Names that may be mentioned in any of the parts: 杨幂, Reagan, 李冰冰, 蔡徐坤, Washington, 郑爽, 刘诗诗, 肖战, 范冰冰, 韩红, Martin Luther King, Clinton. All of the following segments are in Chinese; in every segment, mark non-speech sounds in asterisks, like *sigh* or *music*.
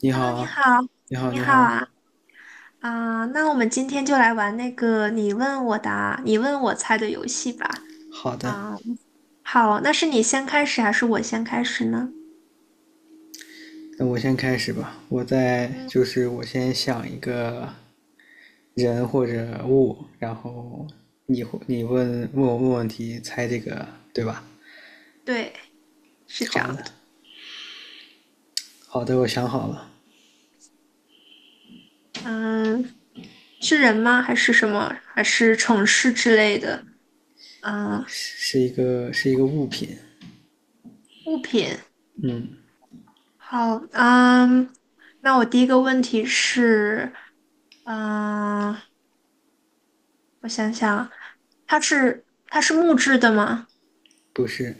你 Hello，你好，好，你好，你你好好，啊，那我们今天就来玩那个你问我答，你问我猜的游戏吧。好的，啊、好，那是你先开始还是我先开始呢？那我先开始吧。我在嗯，就是我先想一个人或者物，然后你问问我问问题，猜这个对吧？对，是这样好的，的。好的，我想好了，嗯，是人吗？还是什么？还是城市之类的？嗯，是是一个是一个物品，物品。好，嗯，那我第一个问题是，嗯，我想想啊，它是木质的吗？不是，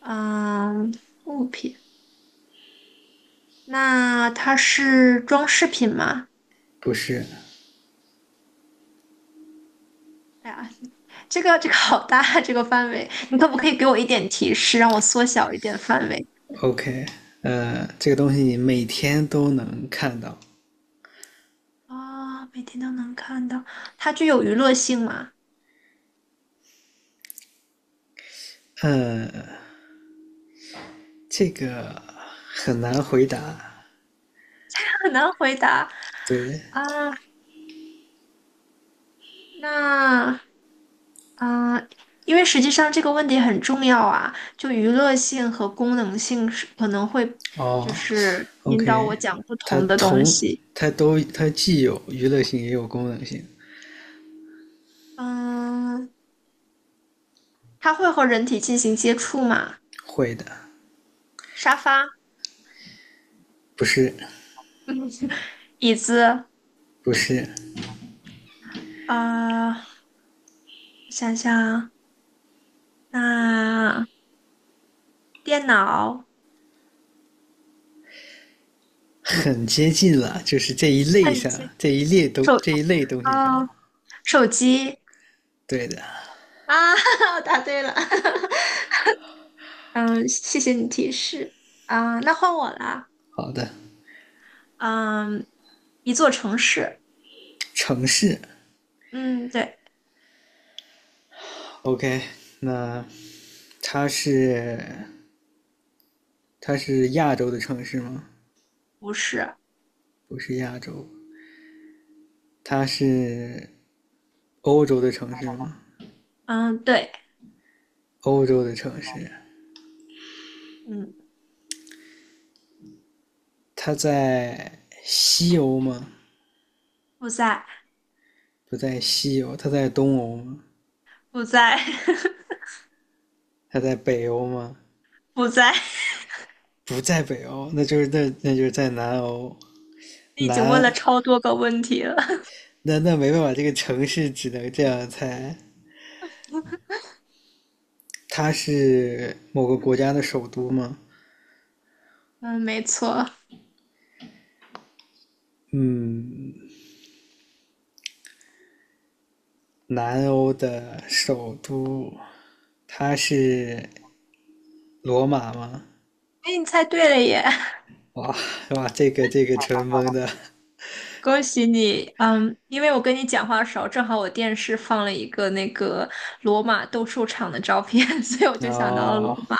嗯，物品。那它是装饰品吗？不是哎呀，这个这个好大啊这个范围，你可不可以给我一点提示，让我缩小一点范围？，OK，这个东西你每天都能看到，每天都能看到，它具有娱乐性吗？这个很难回答，*laughs* 很难回答对。啊。那啊、呃因为实际上这个问题很重要啊，就娱乐性和功能性是可能会哦就是引导，OK，我讲不它同的东同西。它都它既有娱乐性也有功能性，嗯，它会和人体进行接触吗？会的，沙发。不是， *laughs* 椅子，不是，啊、呃想想，那、电脑、很接近了，就是这一类喷上机、这一列东手，这一类东西啊、上，手机对的，啊，*laughs* 我答对了，*laughs* 嗯，谢谢你提示那换我啦，好的，嗯，一座城市，城市嗯，对，，OK，那它是它是亚洲的城市吗？不是，不是亚洲，它是欧洲的城市吗？嗯，对，欧洲的城市，嗯，它在西欧吗？不在，不在西欧，它在东欧吗？不在，*laughs* 它在北欧吗？不在，*laughs* 不在北欧，那就是在南欧。你已经问了南超多个问题了，那没办法，这个城市只能这样猜。它是某个国家的首都吗？嗯，没错，哎，嗯，南欧的首都，它是罗马吗？你猜对了耶。哇哇，这个纯蒙的。恭喜你，嗯，因为我跟你讲话的时候，正好我电视放了一个那个罗马斗兽场的照片，*laughs* 所以我就想到了哦，罗马。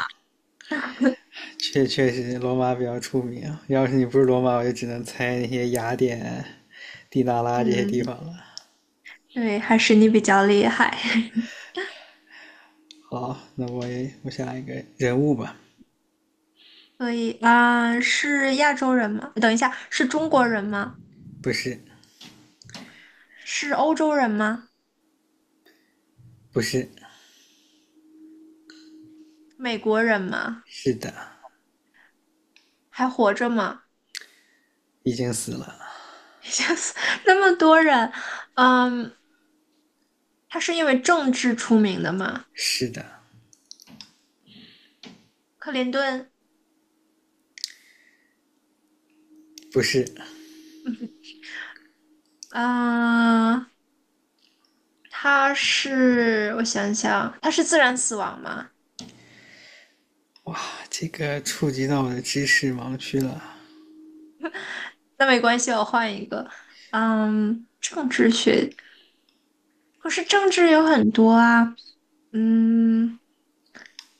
确实罗马比较出名啊，要是你不是罗马，我就只能猜那些雅典。迪达拉这些地嗯，方了。对，还是你比较厉害。好，那我想一个人物吧，*laughs* 所以啊，是亚洲人吗？等一下，是中国人吗？不是，是欧洲人吗？不是，美国人吗？是的，还活着吗？已经死了，*laughs* 吓死那么多人，嗯，他是因为政治出名的吗？是的，克林顿，不是，嗯、他是，我想想，他是自然死亡吗？哇，这个触及到我的知识盲区了，那没关系，我换一个。嗯，政治学，可是政治有很多啊。嗯，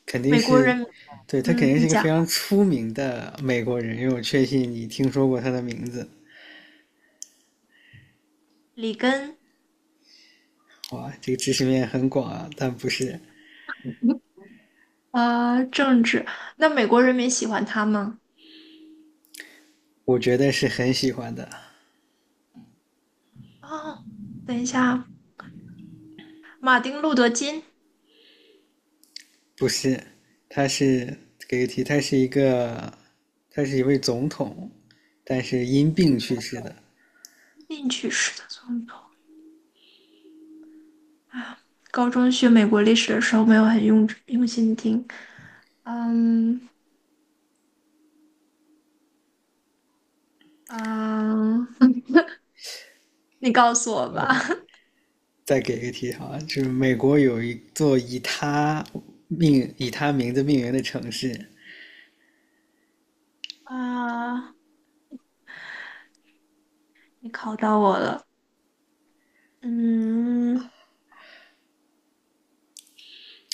肯定美国是，人对他肯嗯，定是你一个讲非常出名的美国人，因为我确信你听说过他的名字。里根哇，这个知识面很广啊，但不是，啊，政治，那美国人民喜欢他吗？我觉得是很喜欢的，哦，等一下啊，马丁·路德·金，不是，他是给个题，他是一个，他是一位总统，但是因病去世的。进去式的总统啊。高中学美国历史的时候没有很用心听，嗯嗯，你告诉我吧。OK，再给个题哈，就是美国有一座以他命以他名字命名的城市，啊，你考到我了。嗯，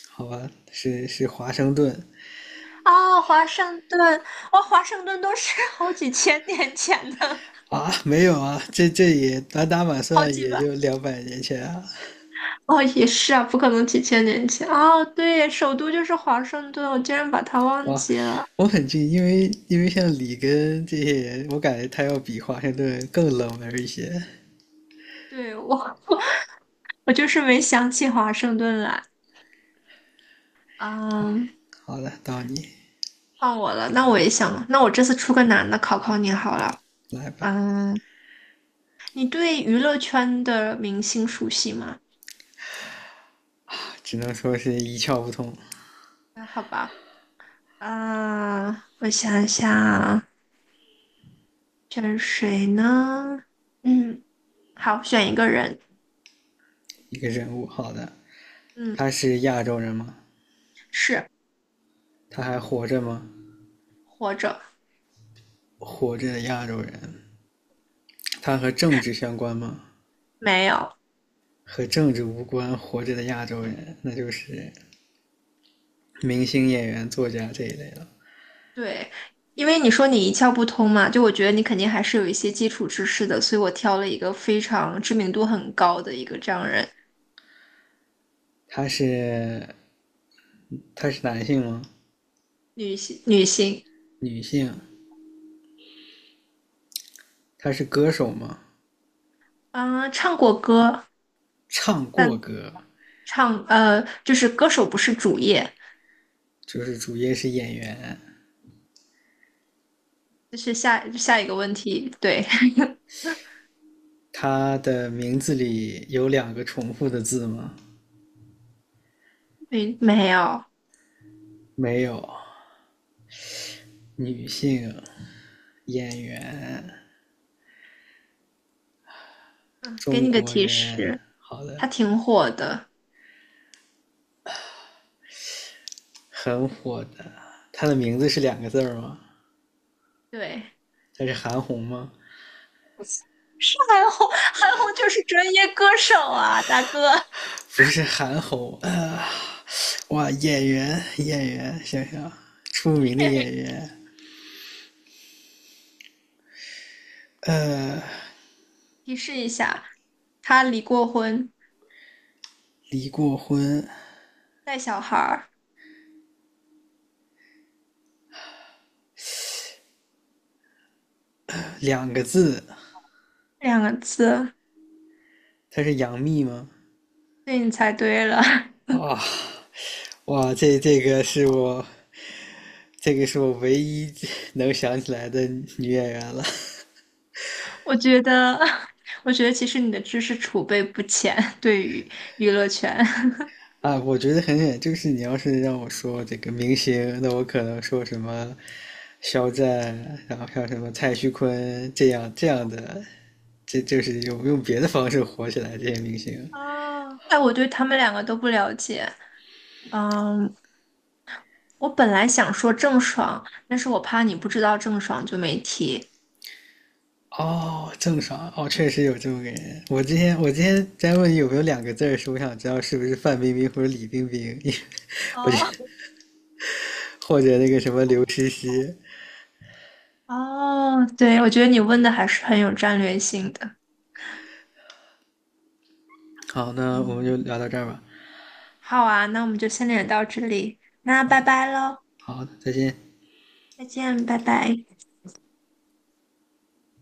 好吧，是华盛顿啊，华盛顿，哇，华盛顿都是 *laughs* 好几千年前的，啊？没有啊，这也满打满好算几也百，就200年前啊。哦，也是啊，不可能几千年前。哦，对，首都就是华盛顿，我竟然把它忘哇，记了。我很近，因为像里根这些人，我感觉他要比华盛顿更冷门一些。对，我，我就是没想起华盛顿来。嗯，好的，到你换我了，那我也想，那我这次出个难的考考你好了。来吧。嗯，你对娱乐圈的明星熟悉吗？只能说是一窍不通那好吧。啊，我想想啊选谁呢？嗯，好，选一个人。一个人物。好的，嗯，他是亚洲人吗？是他还活着吗？活着活着的亚洲人，他和政治相关吗？没有？和政治无关，活着的亚洲人，那就是明星、演员、作家这一类了。对，因为你说你一窍不通嘛，就我觉得你肯定还是有一些基础知识的，所以我挑了一个非常知名度很高的一个这样人，他是他是男性吗？女性女性，女性？他是歌手吗？啊，唱过歌，唱过但歌，唱就是歌手不是主业，就是主业是演员。就是下一个问题。对，他的名字里有两个重复的字吗？*laughs* 没有，没有。女性，演员，嗯，给中你个国提人，示。好的，他挺火的。很火的。他的名字是两个字儿吗？对，他是韩红吗？韩红，韩红就是专业歌手啊，大哥，不是韩红啊！哇，演员，演员，想想，出名的演员，提示一下，他离过婚，离过婚，带小孩儿，两个字。两个字，他是杨幂吗？对你猜对了。*laughs* 啊，哇，这个是我，这个是我唯一能想起来的女演员了。我觉得，*laughs* 我觉得其实你的知识储备不浅，对于娱乐圈。啊，我觉得很简就是你要是让我说这个明星，那我可能说什么肖战，然后像什么蔡徐坤这样这样的，这就是用别的方式火起来这些明星。*laughs* 哦，哎，我对他们两个都不了解。嗯，我本来想说郑爽，但是我怕你不知道郑爽，就没提。哦，郑爽，哦，确实有这么个人。我今天在问你有没有两个字儿，是我想知道是不是范冰冰或者李冰冰，*laughs* 因为我觉得哦，或者那个什么刘诗诗。哦，对，我觉得你问的还是很有战略性的。好，那我们就嗯，聊到这儿吧。好啊，那我们就先聊到这里，那好拜的，拜喽，好的，再见。再见，拜拜。